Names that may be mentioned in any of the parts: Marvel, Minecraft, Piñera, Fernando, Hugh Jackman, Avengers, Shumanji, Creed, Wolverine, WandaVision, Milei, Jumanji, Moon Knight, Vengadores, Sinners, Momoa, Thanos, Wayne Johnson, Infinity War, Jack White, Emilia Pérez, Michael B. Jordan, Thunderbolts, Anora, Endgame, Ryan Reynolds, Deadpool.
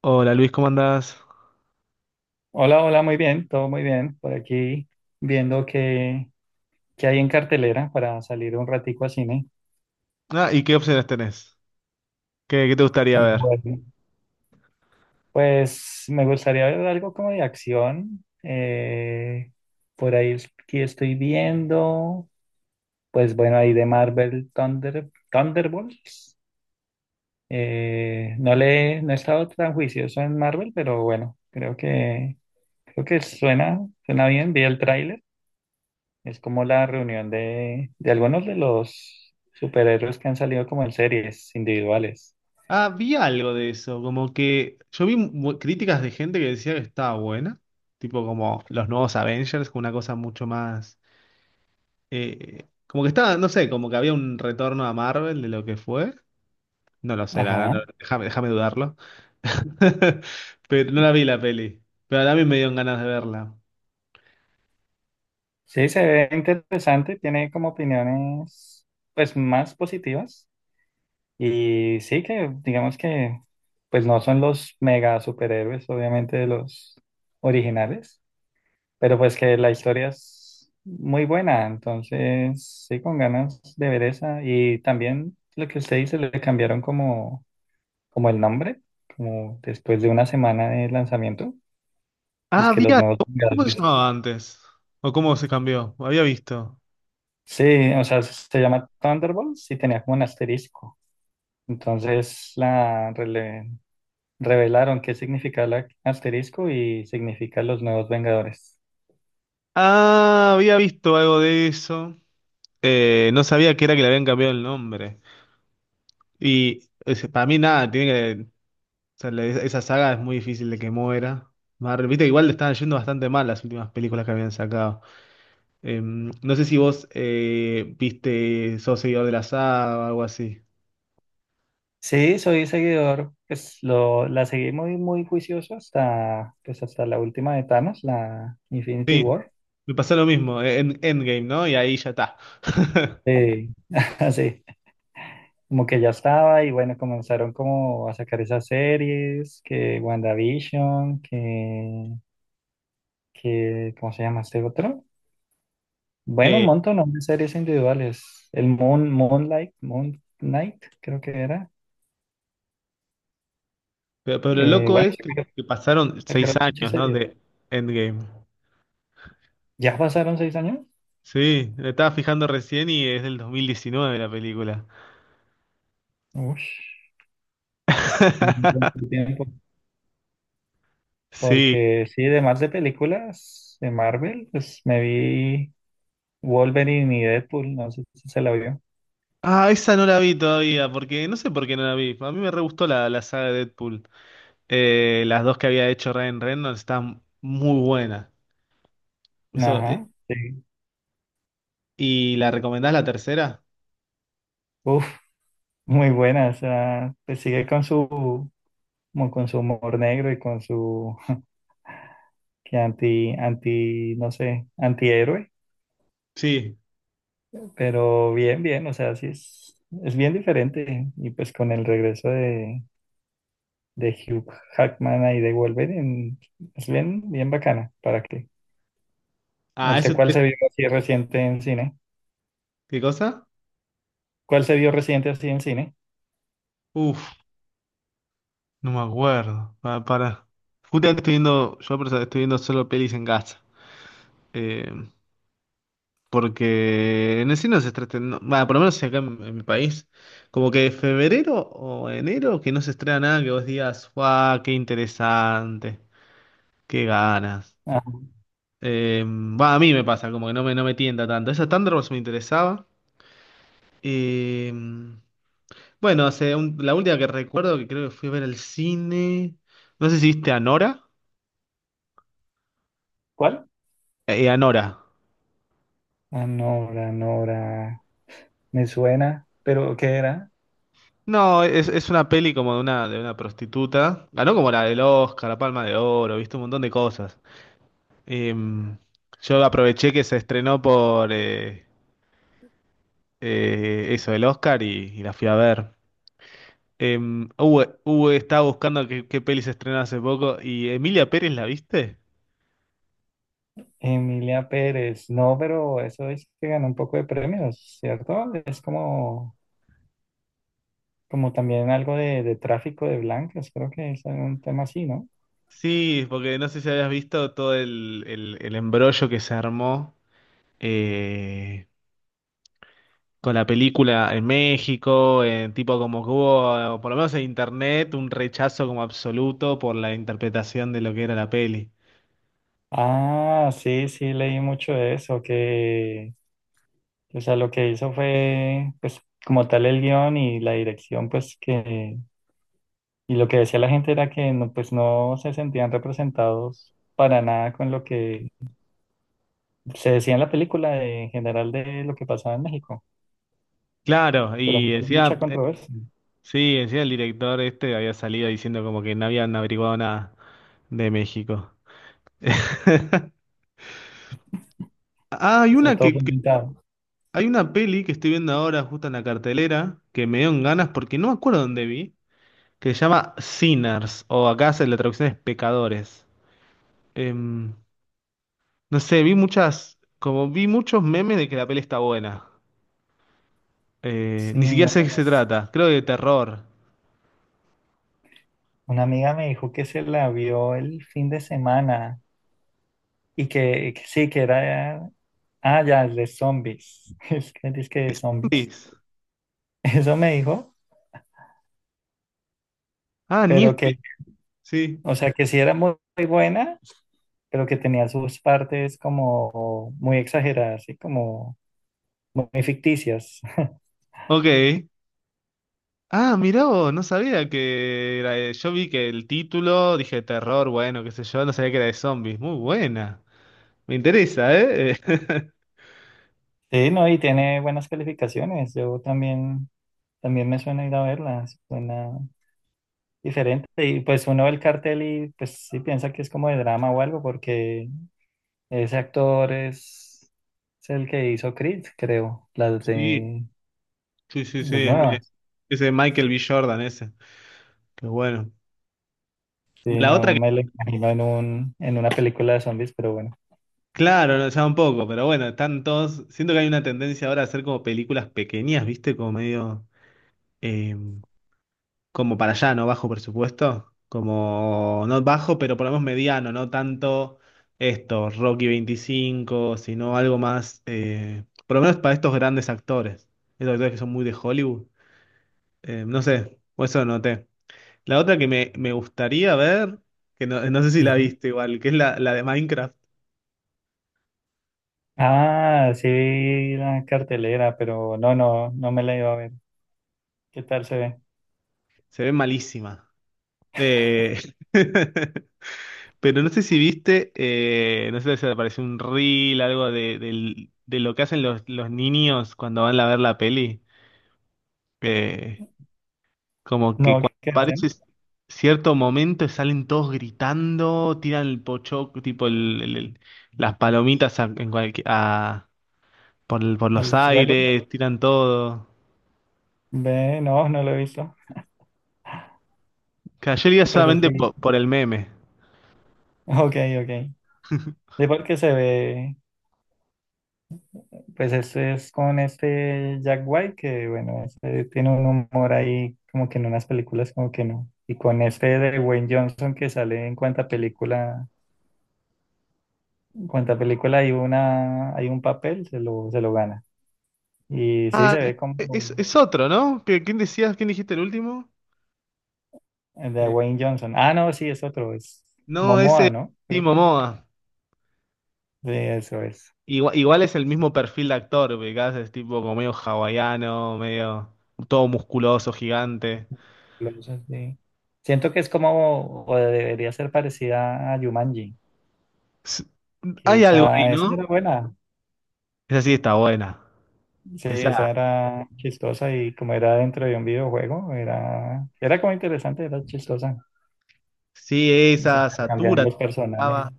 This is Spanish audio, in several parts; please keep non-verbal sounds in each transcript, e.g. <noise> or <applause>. Hola Luis, ¿cómo andás? Hola, hola, muy bien, todo muy bien. Por aquí viendo qué hay en cartelera para salir un ratico a cine. Ah, ¿y qué opciones tenés? ¿¿Qué te gustaría ver? Bueno, pues me gustaría ver algo como de acción. Por ahí aquí estoy viendo, pues bueno, ahí de Marvel Thunder, Thunderbolts. No he estado tan juicioso en Marvel, pero bueno, creo que suena bien. Vi el tráiler. Es como la reunión de algunos de los superhéroes que han salido como en series individuales. Ah, vi algo de eso, como que yo vi críticas de gente que decía que estaba buena, tipo como los nuevos Avengers, con una cosa mucho más, como que estaba, no sé, como que había un retorno a Marvel de lo que fue, no lo sé, la Ajá. verdad, déjame, déjame dudarlo. <laughs> Pero no la vi la peli, pero también me dieron ganas de verla. Sí, se ve interesante, tiene como opiniones pues más positivas y sí que digamos que pues no son los mega superhéroes obviamente de los originales, pero pues que la historia es muy buena, entonces sí con ganas de ver esa y también lo que usted dice le cambiaron como el nombre, como después de una semana de lanzamiento, es Ah, que los había. nuevos ¿Cómo se Vengadores. llamaba antes? ¿O cómo se cambió? Había visto. Sí, o sea, se llama Thunderbolts y tenía como un asterisco. Entonces revelaron qué significa el asterisco y significa los nuevos Vengadores. Ah, había visto algo de eso. No sabía que era que le habían cambiado el nombre. Y para mí nada, tiene que... O sea, esa saga es muy difícil de que muera. Marvel, viste que igual le estaban yendo bastante mal las últimas películas que habían sacado. No sé si vos viste, sos seguidor de la saga o algo así. Sí, soy seguidor, la seguí muy juicioso hasta, pues hasta la última de Thanos, la Infinity Sí, War. me pasó lo mismo, en Endgame, ¿no? Y ahí ya está. <laughs> Sí, <laughs> sí, como que ya estaba y bueno, comenzaron como a sacar esas series, que WandaVision, que ¿cómo se llama este otro? Bueno, un Eh, montón ¿no? de series individuales. El Moon Knight, creo que era. pero lo loco Bueno, es sí, que pasaron seis sacaron muchas años, ¿no? series. De Endgame. ¿Ya pasaron 6 años? Sí, me estaba fijando recién y es del 2019 la película. Ush, un buen <laughs> tiempo. Sí. Porque sí, de más de películas de Marvel, pues me vi Wolverine y Deadpool, no sé si se la vio. Ah, esa no la vi todavía, porque no sé por qué no la vi. A mí me re gustó la, la saga de Deadpool. Las dos que había hecho Ryan Reynolds están muy buenas. Eso, Ajá, sí. ¿y la recomendás la tercera? Uf. Muy buena, o sea, como con su humor negro y con su <laughs> no sé, antihéroe, Sí. pero bien, o sea, es bien diferente. Y pues con el regreso de Hugh Jackman ahí de Wolverine, es bien bacana. ¿Para qué? Ah, eso ¿Usted cuál se vio así reciente en cine? ¿Qué cosa? ¿Cuál se vio reciente así en cine? Uf, no me acuerdo. Para, para. Justamente estoy viendo, yo por eso estoy viendo solo pelis en casa. Eh, Porque en el cine no se estrena, bueno, por lo menos acá en mi país, como que febrero o enero que no se estrena nada que vos digas, ¡guau! ¡Qué interesante! ¡Qué ganas! Ah, Eh, Va, a mí me pasa, como que no me, no me tienta tanto. Esa Thunderbolts me interesaba. Eh, bueno, la última que recuerdo que creo que fui a ver al cine. No sé si viste Anora. ¿cuál? Anora. Anora, Nora, me suena, pero ¿qué era? No, es una peli como de una prostituta. Ganó como la del Oscar, la Palma de Oro, viste un montón de cosas. Em, yo aproveché que se estrenó por eso, el Oscar, y la fui a ver. Estaba buscando qué, qué peli se estrenó hace poco, y Emilia Pérez, ¿la viste? Emilia Pérez, no, pero eso es que ganó un poco de premios, ¿cierto? Es como, como también algo de tráfico de blancas, creo que es un tema así, ¿no? Sí, porque no sé si habías visto todo el embrollo que se armó eh, con la película en México, tipo como que hubo, por lo menos en internet, un rechazo como absoluto por la interpretación de lo que era la peli. Ah, sí, leí mucho de eso, que, o sea, lo que hizo fue, pues, como tal el guión y la dirección, y lo que decía la gente era que, no, pues, no se sentían representados para nada con lo que se decía en la película, de- en general, de lo que pasaba en México, Claro, pero y decía, mucha controversia. sí, encima el director este había salido diciendo como que no habían averiguado nada de México. <laughs> Ah, hay Está una todo que, complicado. hay una peli que estoy viendo ahora justo en la cartelera que me dieron ganas porque no me acuerdo dónde vi, que se llama Sinners o acá la traducción es pecadores. Em, no sé, vi muchas, como vi muchos memes de que la peli está buena. Sí, Ni siquiera me- sé de qué se trata, creo que de terror. una amiga me dijo que se la vio el fin de semana y que sí, que era... Ah, ya, el de zombies. <laughs> Es que dice que de Sí. zombies. <laughs> Eso me dijo, Ah, ni pero espe- sí. o sea, que sí era muy buena, pero que tenía sus partes como muy exageradas y como muy ficticias. <laughs> Ok. Ah, mirá vos, no sabía que era yo vi que el título, dije terror, bueno, qué sé yo, no sabía que era de zombies. Muy buena. Me interesa, ¿eh? <laughs> Sí, no, y tiene buenas calificaciones. También me suena ir a verla. Suena diferente. Y pues uno ve el cartel y pues sí piensa que es como de drama o algo, porque ese actor es, es el que hizo Creed, creo, Sí, sí, sí, sí. las Es nuevas. ese Michael B. Jordan, ese. Qué bueno. Sí, La no otra que, me lo imagino en en una película de zombies, pero bueno. claro, no, ya un poco, pero bueno, están todos. Siento que hay una tendencia ahora a hacer como películas pequeñas, ¿viste? Como medio. em, como para allá, ¿no? Bajo presupuesto, como no bajo, pero por lo menos mediano, no tanto esto, Rocky 25 sino algo más, por lo menos para estos grandes actores, esos actores que son muy de Hollywood. No sé, o eso noté. La otra que me gustaría ver, que no, no sé si la Ujú. viste igual, que es la, la de Minecraft, Ah, sí, vi la cartelera, no me la iba a ver. ¿Qué tal se ve? se ve malísima. Eh, <laughs> Pero no sé si viste, no sé si te apareció un reel, algo de, de lo que hacen los niños cuando van a ver la peli. Eh, Como que No, cuando ¿qué aparece hacen? cierto momento salen todos gritando, tiran el pocho tipo las palomitas a, por, por los ¿Al suelo? aires, tiran todo. Ve, no lo he visto, Que ayer iba pero solamente sí. Por el meme. Ok, ok. Sí, porque se ve. Pues este es con este Jack White, que bueno, este tiene un humor ahí como que en unas películas como que no. Y con este de Wayne Johnson que sale en cuanta película hay una, hay un papel, se lo gana. Y sí Ah, se ve como es otro, ¿no? ¿Quién decías? ¿Quién dijiste el último? el de Eh, Wayne Johnson. Ah, no, sí, es otro, es no, ese Momoa, es ¿no? Creo Timo que Moa. sí, eso es. Igual, igual es el mismo perfil de actor, ubicás, es tipo como medio hawaiano, medio todo musculoso, gigante. Los así. Siento que es como, o debería ser parecida a Jumanji, S- que hay algo ahí, esa ¿no? era buena. Esa sí está buena. Sí, esa Pesada. era chistosa y como era dentro de un videojuego, era como interesante, era chistosa. Sí, Y se esa, intercambiaban Satura. los Estaba. personajes.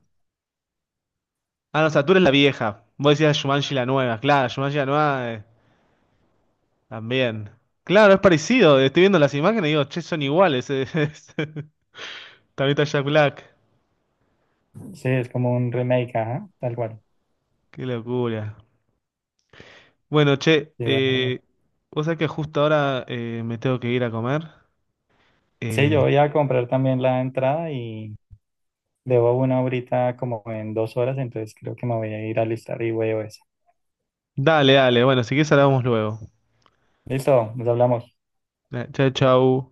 Ah, no, Satura es la vieja. Vos decías Shumanji la nueva. Claro, Shumanji la nueva también. Claro, es parecido. Estoy viendo las imágenes y digo, che, son iguales. <laughs> Es- También está Jack Black. Sí, es como un remake, ajá, tal cual. Qué locura. Bueno, che, Sí, vale. Vos sabés que justo ahora me tengo que ir a comer. Sí, yo Eh, voy a comprar también la entrada y debo una ahorita como en 2 horas, entonces creo que me voy a ir a listar y veo eso. dale, dale. Bueno, si quieres hablamos luego. Listo, nos hablamos. Chau, chau.